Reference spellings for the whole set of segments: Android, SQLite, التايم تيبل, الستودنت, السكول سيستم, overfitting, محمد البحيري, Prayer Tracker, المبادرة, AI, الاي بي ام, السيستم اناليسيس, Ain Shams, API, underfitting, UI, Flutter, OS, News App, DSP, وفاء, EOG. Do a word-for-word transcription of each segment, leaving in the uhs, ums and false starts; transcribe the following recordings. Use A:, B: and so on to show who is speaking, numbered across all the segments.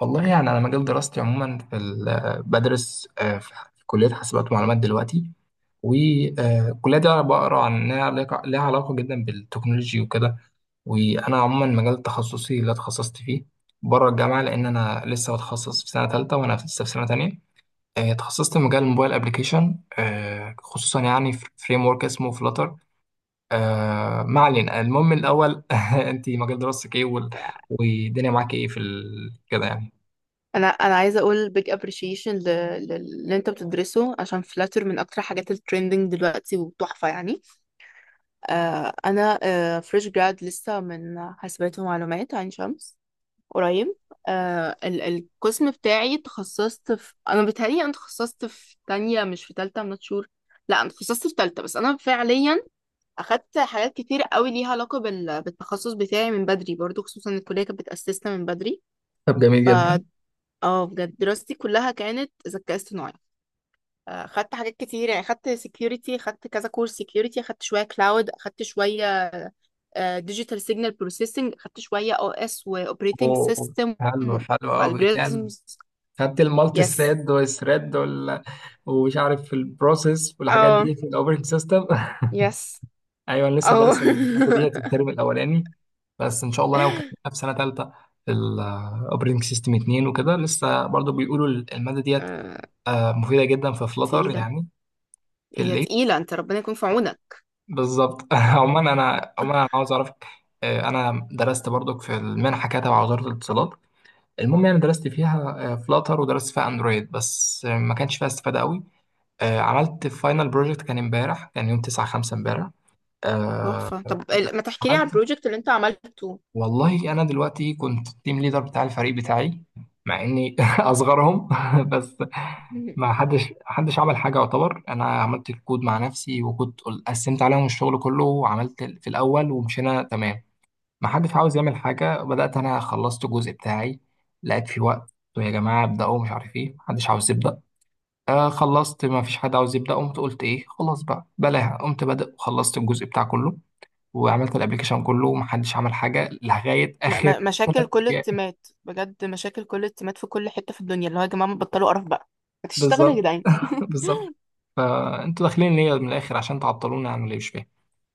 A: والله يعني أنا مجال دراستي عموما في ال- بدرس آه، في ح- في كلية حاسبات ومعلومات دلوقتي. والكلية دي أنا بقرا عن إنها ليك- ليها علاقة جدا بالتكنولوجي وكده. وأنا عموما مجال تخصصي اللي اتخصصت فيه بره الجامعة، لأن أنا لسه بتخصص في سنة تالتة وأنا لسه في سنة تانية. آه، اتخصصت في مجال الموبايل أبليكيشن، آه، خصوصا يعني في فريم ورك اسمه فلاتر. ما علينا، المهم الأول أنت مجال دراستك إيه وال- والدنيا معاك إيه في ال- كده يعني؟
B: انا انا عايزه اقول big appreciation ل- ل- للي انت بتدرسه عشان فلاتر من اكتر حاجات الترندنج دلوقتي وتحفه يعني. آه انا آه فريش جراد لسه من حاسبات ومعلومات عين شمس قريب. آه ال- القسم بتاعي، تخصصت في، انا بيتهيألي انا تخصصت في تانية مش في تالتة. I'm not sure. لا انا تخصصت في تالتة، بس انا فعليا اخدت حاجات كتير قوي ليها علاقه بال- بالتخصص بتاعي من بدري برضو، خصوصا إن الكليه كانت بتاسسنا من
A: طب جميل جدا.
B: بدري. اه، بجد دراستي كلها كانت ذكاء اصطناعي. آه، خدت حاجات كتير يعني، خدت سكيورتي، خدت كذا كورس سكيورتي، خدت شويه كلاود، خدت شويه ديجيتال سيجنال بروسيسنج، خدت شويه او اس واوبريتنج
A: أوه،
B: سيستم
A: حلو حلو قوي يعني.
B: والجوريزمز.
A: خدت المالتي
B: يس.
A: ثريد والثريد وال... ومش عارف البروسيس والحاجات
B: اه.
A: دي في الاوبريتنج سيستم
B: يس.
A: ايوه، انا لسه
B: اه.
A: دارس الماده ديت الترم الاولاني، بس ان شاء الله ناوي اكملها في سنه ثالثه. الاوبريتنج سيستم اتنين وكده، لسه برضو بيقولوا الماده ديت
B: آه،
A: آه، مفيده جدا في فلتر
B: تقيله.
A: يعني، في
B: هي
A: الليل.
B: تقيله، انت ربنا يكون في عونك.
A: بالظبط
B: آه،
A: عموما انا، عموما انا عاوز اعرفك، آه، انا درست برضك في المنحه كده تبع وزاره الاتصالات. المهم يعني درست فيها فلاتر ودرست فيها اندرويد، بس آه، ما كانش فيها استفادة قوي. آه، عملت فاينل بروجكت كان امبارح، كان يوم تسعة خمسة امبارح. آه،
B: تحفه. طب،
A: ده
B: ال- ما تحكي لي عن
A: عملت،
B: البروجكت اللي انت عملته؟
A: والله انا دلوقتي كنت التيم ليدر بتاع الفريق بتاعي، مع اني اصغرهم بس ما حدش حدش عمل حاجه يعتبر. انا عملت الكود مع نفسي، وكنت قل- قسمت عليهم الشغل كله وعملت ال- في الاول ومشينا تمام. ما حدش عاوز يعمل حاجة. بدأت أنا، خلصت الجزء بتاعي، لقيت في وقت قلت يا جماعة ابدأوا، مش عارف إيه، محدش عاوز يبدأ. آه خلصت، ما فيش حد عاوز يبدأ، قمت قلت إيه خلاص بقى بلاها، قمت بدأ وخلصت الجزء بتاع كله، وعملت الأبليكيشن كله ومحدش عمل حاجة لغاية
B: م-
A: آخر
B: م- مشاكل
A: ثلاث
B: كل
A: أيام
B: التيمات، بجد مشاكل كل التيمات في كل حتة في الدنيا. اللي هو، يا جماعة بطلوا قرف بقى، هتشتغلوا يا
A: بالظبط
B: جدعان ان
A: بالظبط. فانتوا داخلين ليا من الاخر عشان تعطلونا عن اللي مش فاهم.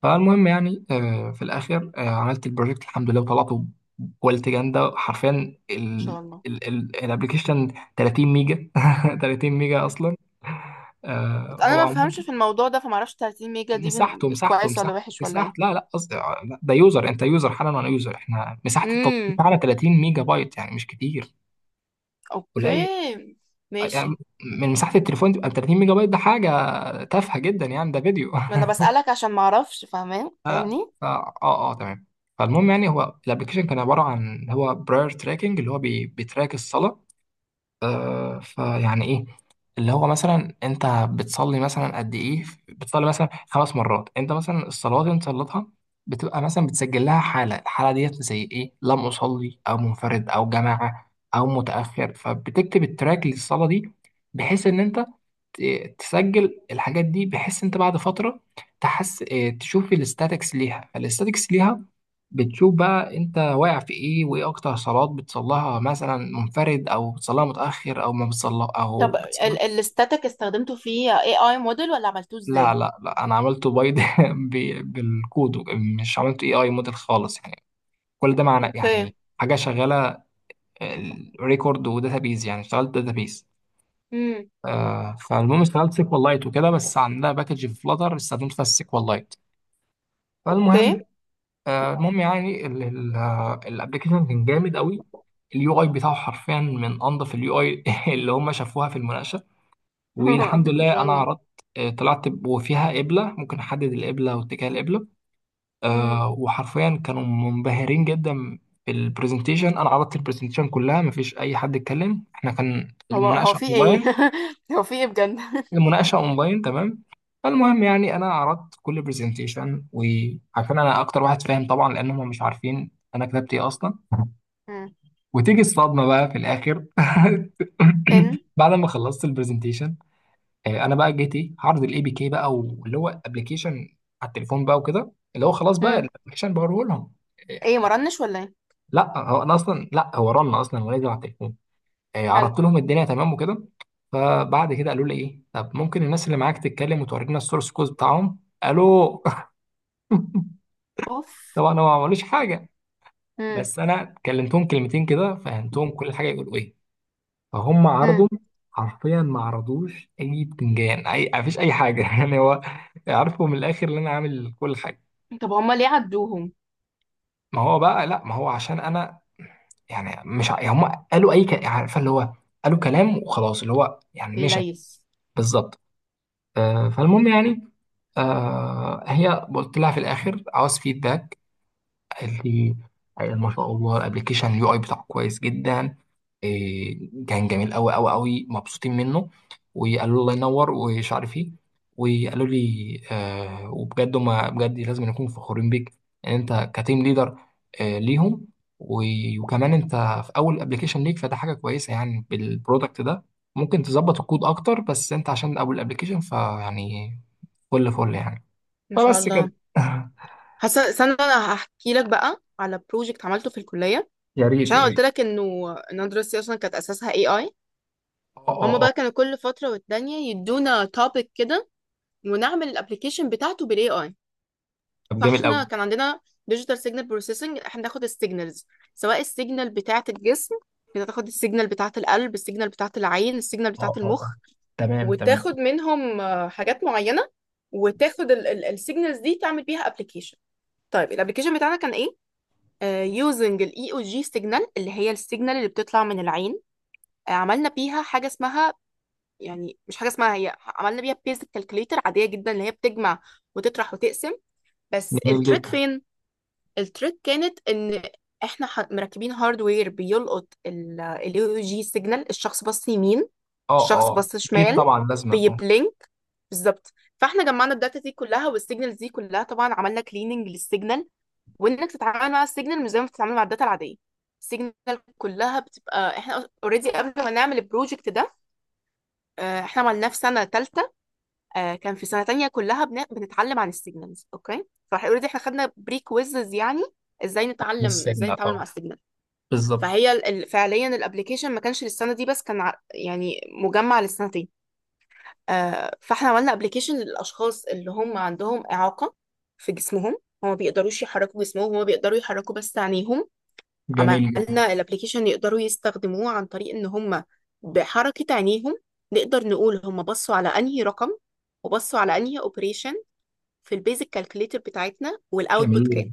A: فالمهم يعني، آه، في الاخر آه، عملت البروجكت الحمد لله وطلعته بكواليتي جامده حرفيا. ال-
B: شاء الله.
A: ال- ال- الابلكيشن ثلاثين ميجا ثلاثين ميجا اصلا.
B: بس
A: آه،
B: انا
A: هو
B: ما
A: عمال
B: بفهمش في الموضوع ده، فما اعرفش ثلاثين ميجا دي بن...
A: مساحته مساحته
B: كويس ولا
A: مساحته
B: وحش ولا
A: مساحة،
B: ايه؟
A: لا لا قصدي آه، لا، ده يوزر، انت يوزر حالا وانا يوزر، احنا مساحة التطبيق
B: امم.
A: على ثلاثين ميجا بايت يعني مش كتير، قليل
B: اوكي.
A: يعني.
B: ماشي.
A: من مساحة التليفون تبقى ثلاثين ميجا بايت، ده حاجة تافهة جدا يعني، ده فيديو
B: ما انا بسألك عشان ما اعرفش، فاهمين؟
A: لا لا،
B: فاهمني.
A: فا اه اه تمام. فالمهم يعني، هو الابلكيشن كان عباره عن، هو براير تراكنج اللي هو بي بيتراك الصلاه. آه فيعني ايه، اللي هو مثلا انت بتصلي مثلا قد ايه، بتصلي مثلا خمس مرات، انت مثلا الصلاه اللي انت صليتها بتبقى مثلا بتسجل لها حاله، الحاله ديت زي ايه، لم اصلي او منفرد او جماعه او متاخر، فبتكتب التراك للصلاه دي، بحيث ان انت ت- تسجل الحاجات دي، بحيث انت بعد فتره تحس، اه، تشوف الاستاتكس ليها. فالاستاتكس ليها بتشوف بقى انت واقع في ايه، وايه اكتر صلوات بتصليها، مثلا منفرد او بتصليها متاخر او ما بتصلي او
B: طب،
A: بتصلي.
B: ال الستاتيك استخدمته فيه اي اي موديل ولا عملتوه
A: لا
B: ازاي؟
A: لا لا، انا عملته بايد ب- بالكود. مش عملته اي اي موديل خالص يعني. كل ده معنى يعني
B: اوكي.
A: حاجه شغاله، ريكورد وداتابيز. يعني اشتغلت داتابيز.
B: امم.
A: آه فالمهم اشتغلت سيكوال لايت وكده، بس عندنا باكج في فلاتر استخدمت فيها السيكوال لايت.
B: اوكي.
A: فالمهم آه، المهم يعني الابلكيشن كان جامد قوي. اليو اي بتاعه حرفيا من انظف اليو اي اللي هم شافوها في المناقشه. والحمد
B: ان
A: لله
B: شاء
A: انا
B: الله.
A: عرضت. آه، طلعت ب- وفيها قبله، ممكن احدد القبله واتجاه القبله.
B: امم.
A: آه، وحرفيا كانوا منبهرين جدا بالبرزنتيشن. انا عرضت البرزنتيشن كلها، مفيش اي حد اتكلم، احنا كان
B: هو هو
A: المناقشه
B: في ايه؟ هو في ايه بجد؟
A: المناقشه اونلاين تمام. فالمهم يعني انا عرضت كل برزنتيشن، وعشان انا اكتر واحد فاهم طبعا، لان هم مش عارفين انا كتبت ايه اصلا.
B: مم.
A: وتيجي الصدمه بقى في الاخر
B: ان.
A: بعد ما خلصت البرزنتيشن. آه، انا بقى جيت ايه، هعرض الاي بي كي بقى، واللي هو ابلكيشن على التليفون بقى وكده، اللي هو خلاص بقى
B: مم.
A: الابلكيشن بوريه لهم. إيه،
B: ايه، مرنش ولا ايه؟
A: لا هو انا اصلا، لا هو رن اصلا ونزل على التليفون. آه،
B: حلو.
A: عرضت لهم الدنيا تمام وكده. فبعد كده قالوا لي ايه، طب ممكن الناس اللي معاك تتكلم وتورينا السورس كود بتاعهم، الو
B: اوف.
A: طبعا هو ما عملوش حاجه،
B: امم.
A: بس انا كلمتهم كلمتين كده، فهمتهم كل حاجه يقولوا ايه. فهم عرضوا
B: امم.
A: حرفيا، ما عرضوش اي بتنجان، اي مفيش اي حاجه يعني. هو عارفوا من الاخر ان انا عامل كل حاجه.
B: طب هما ليه عدوهم؟
A: ما هو بقى، لا ما هو عشان انا، يعني مش ع- يعني هم قالوا اي ك... عارفه اللي هو قالوا كلام وخلاص، اللي هو يعني
B: ليه
A: مشى.
B: ليس.
A: بالظبط. آه، فالمهم يعني، آه، هي قلت لها في الاخر عاوز فيدباك، قال لي أيوة ما شاء الله الابلكيشن اليو اي بتاعه كويس جدا. إيه، كان جميل قوي قوي قوي، مبسوطين منه. وقالوا لي الله ينور ومش عارف ايه، وقالوا لي آه، وبجد ما بجد لازم نكون فخورين بيك ان انت كتيم ليدر آه ليهم. و- وكمان انت في اول ابلكيشن ليك، فده حاجه كويسه يعني. بالبرودكت ده ممكن تظبط الكود اكتر، بس انت عشان اول ابلكيشن فيعني فل فل يعني.
B: ما شاء
A: فبس كده
B: الله. حاسه... استنى، انا هحكي لك بقى على بروجكت عملته في الكليه،
A: يا ريت
B: عشان
A: يا
B: انا قلت
A: ريت.
B: لك انه ان انا دراستي اصلا كانت اساسها اي اي.
A: اه
B: هما
A: اه، آه.
B: بقى كانوا كل فتره والتانيه يدونا توبيك كده، ونعمل الابلكيشن بتاعته بالاي اي.
A: طب جميل
B: فاحنا
A: قوي.
B: كان عندنا ديجيتال سيجنال بروسيسنج، احنا بناخد السيجنالز، سواء السيجنال بتاعه الجسم، بتاخد السيجنال بتاعه القلب، السيجنال بتاعه العين، السيجنال بتاعه
A: اه اه اه،
B: المخ.
A: تمام تمام.
B: وتاخد منهم آه، حاجات معينة، وتاخد السيجنالز دي تعمل بيها ابلكيشن. طيب، الابلكيشن بتاعنا كان ايه؟ يوزنج الاي او جي سيجنال اللي هي السيجنال اللي بتطلع من العين. آه، عملنا بيها حاجة اسمها، يعني مش حاجة اسمها. هي عملنا بيها بيزك كالكوليتر عادية جدا، اللي هي بتجمع وتطرح وتقسم. بس
A: جميل
B: التريك
A: جدا.
B: فين؟ التريك كانت ان احنا ح- مركبين هاردوير بيلقط الاي او جي سيجنال. الشخص بص يمين،
A: اه
B: الشخص
A: اه
B: بص
A: اكيد
B: شمال،
A: طبعا لازما، اه.
B: بيبلينك. بالظبط. فاحنا جمعنا الداتا دي كلها والسيجنالز دي كلها، طبعا عملنا كليننج للسيجنال، وانك تتعامل مع السيجنال مش زي ما بتتعامل مع الداتا العاديه. السيجنال كلها بتبقى... احنا اوريدي قبل ما نعمل البروجكت ده، آه، احنا عملناه في سنه ثالثه، كان في سنه تانية كلها بن- بنتعلم عن السيجنالز. اوكي. فاوريدي احنا خدنا بري كويزز، يعني ازاي
A: من
B: نتعلم،
A: السجن،
B: ازاي نتعامل مع
A: اه.
B: السيجنال.
A: بالظبط.
B: فهي، ال- ال- فعليا الابلكيشن ما كانش للسنه دي بس كان ع- يعني مجمع للسنتين. آه، فاحنا عملنا ابلكيشن للاشخاص اللي هم عندهم اعاقه في جسمهم، هم ما بيقدروش يحركوا جسمهم، هم بيقدروا يحركوا بس عينيهم.
A: جميل جدا.
B: عملنا الابلكيشن يقدروا يستخدموه عن طريق ان هم بحركه عينيهم نقدر نقول هم بصوا على انهي رقم، وبصوا على انهي اوبريشن في البيزك كالكوليتر بتاعتنا، والاوتبوت
A: جميل،
B: كام.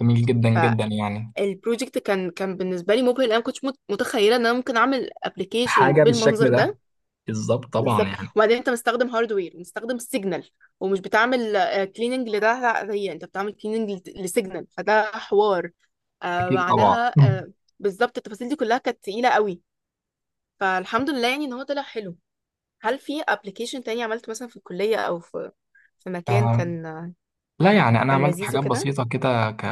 A: جميل جدا جدا يعني.
B: فالبروجكت كان كان بالنسبه لي مبهر، لأن انا ما كنتش مت- متخيله ان انا ممكن اعمل ابلكيشن
A: حاجه بالشكل
B: بالمنظر
A: ده،
B: ده.
A: بالظبط طبعا
B: بالظبط،
A: يعني.
B: وبعدين انت مستخدم هاردوير، مستخدم سيجنال، ومش بتعمل كليننج لده. هي انت بتعمل كليننج لسيجنال، فده حوار. آه
A: اكيد طبعا
B: بعدها
A: مم.
B: آه بالظبط. التفاصيل دي كلها كانت تقيلة قوي، فالحمد لله يعني ان هو طلع حلو. هل في ابلكيشن تاني عملت مثلا في الكلية او في في مكان
A: آه
B: كان
A: لا يعني انا
B: كان
A: عملت
B: لذيذ
A: حاجات
B: وكده؟
A: بسيطه كده، ك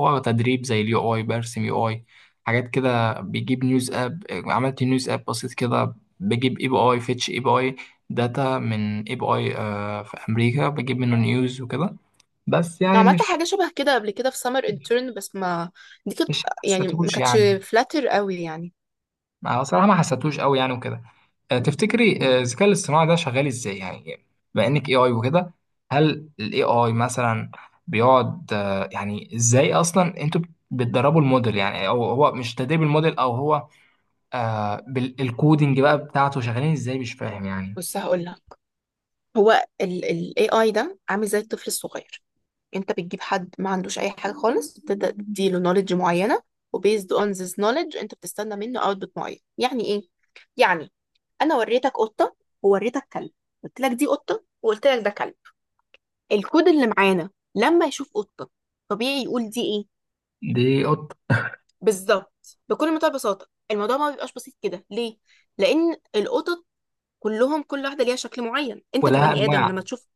A: هو تدريب زي اليو اي، برسم يو اي حاجات كده، بيجيب نيوز اب. عملت نيوز اب بسيط كده، بجيب اي بي اي، فيتش اي بي اي داتا من اي بي اي آه في امريكا، بجيب منه نيوز وكده، بس يعني
B: عملت
A: مش
B: حاجة شبه كده قبل كده في سمر انترن، بس ما دي كانت
A: مش
B: يعني، ما
A: حسيتهوش
B: كانتش
A: يعني.
B: فلاتر قوي يعني.
A: أنا صراحة ما حسيتهوش قوي يعني وكده. آه، تفتكري آه، الذكاء الاصطناعي ده شغال ازاي يعني، بما انك اي اي وكده؟ هل الاي اي مثلا بيقعد آه، يعني ازاي اصلا انتوا بتدربوا الموديل، يعني او هو مش تدريب الموديل او هو آه بالكودينج بقى بتاعته، شغالين ازاي مش فاهم يعني؟
B: بص هقول لك، هو ال ال إيه آي ده عامل زي الطفل الصغير. انت بتجيب حد ما عندوش اي حاجه خالص، بتبدا تديله نوليدج معينه، وبيزد اون ذيس نوليدج انت بتستنى منه اوتبوت معين. يعني ايه؟ يعني انا وريتك قطه ووريتك كلب، قلت لك دي قطه وقلت لك ده كلب. الكود اللي معانا لما يشوف قطه طبيعي يقول دي ايه.
A: دي قط.
B: بالظبط، بكل منتهى البساطه. الموضوع ما بيبقاش بسيط كده ليه؟ لان القطط كلهم كل واحده ليها شكل معين، انت
A: ولها
B: كبني ادم
A: انواع.
B: لما تشوف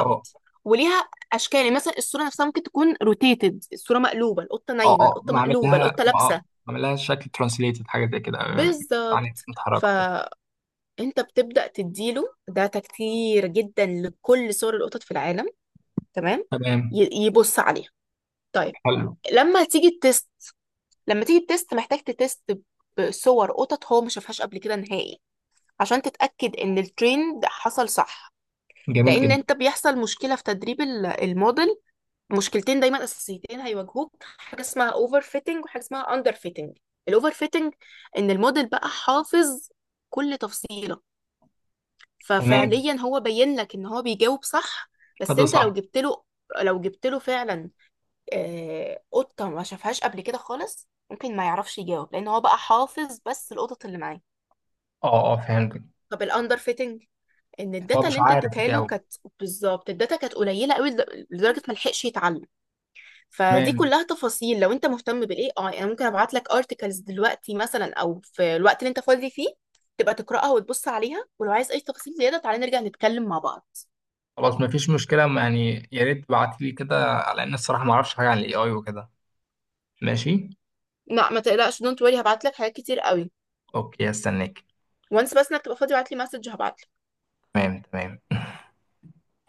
A: اه
B: وليها اشكال. يعني مثلا الصوره نفسها ممكن تكون روتيتد، الصوره مقلوبه، القطه
A: اه
B: نايمه،
A: اه،
B: القطه
A: معمل
B: مقلوبه،
A: لها،
B: القطه لابسه.
A: اه معمل لها شكل ترانسليتد، حاجه زي كده آه، يعني
B: بالظبط.
A: متحركه كده.
B: فانت بتبدا تديله داتا كتير جدا لكل صور القطط في العالم. تمام.
A: تمام.
B: ي- يبص عليها. طيب،
A: حلو.
B: لما تيجي التست لما تيجي التست محتاج تتست بصور قطط هو ما شافهاش قبل كده نهائي، عشان تتاكد ان الترند حصل صح.
A: جميل
B: لان
A: جدا.
B: انت بيحصل مشكله في تدريب ال- الموديل. مشكلتين دايما اساسيتين هيواجهوك، حاجه اسمها اوفر فيتنج وحاجه اسمها اندر فيتنج. الاوفر فيتنج، ان الموديل بقى حافظ كل تفصيله،
A: تمام.
B: ففعليا هو بين لك ان هو بيجاوب صح. بس
A: فده
B: انت لو
A: صح.
B: جبت له لو جبت له فعلا آه، قطه ما شافهاش قبل كده خالص، ممكن ما يعرفش يجاوب، لان هو بقى حافظ بس القطط اللي معاه.
A: اه اه فهمتك.
B: طب الاندر فيتنج، ان
A: هو
B: الداتا اللي
A: مش
B: انت
A: عارف
B: اديتها له
A: يجاوب.
B: كانت... بالظبط، الداتا كانت قليله قوي، لد- لدرجه ما لحقش يتعلم. فدي
A: تمام.
B: كلها تفاصيل. لو انت مهتم بالاي اي انا ممكن ابعت لك ارتكلز دلوقتي مثلا، او في الوقت اللي انت فاضي فيه تبقى تقراها وتبص عليها، ولو عايز اي تفاصيل زياده تعالى نرجع نتكلم مع بعض.
A: خلاص مفيش مشكلة، يعني يا ريت تبعت لي كده، على ان الصراحة ما اعرفش حاجة عن الاي اي وكده. ماشي.
B: لا، ما تقلقش، دونت وري، هبعت لك حاجات كتير قوي.
A: اوكي، هستناك.
B: وانس بس انك تبقى فاضي ابعت لي مسج هبعت.
A: تمام تمام.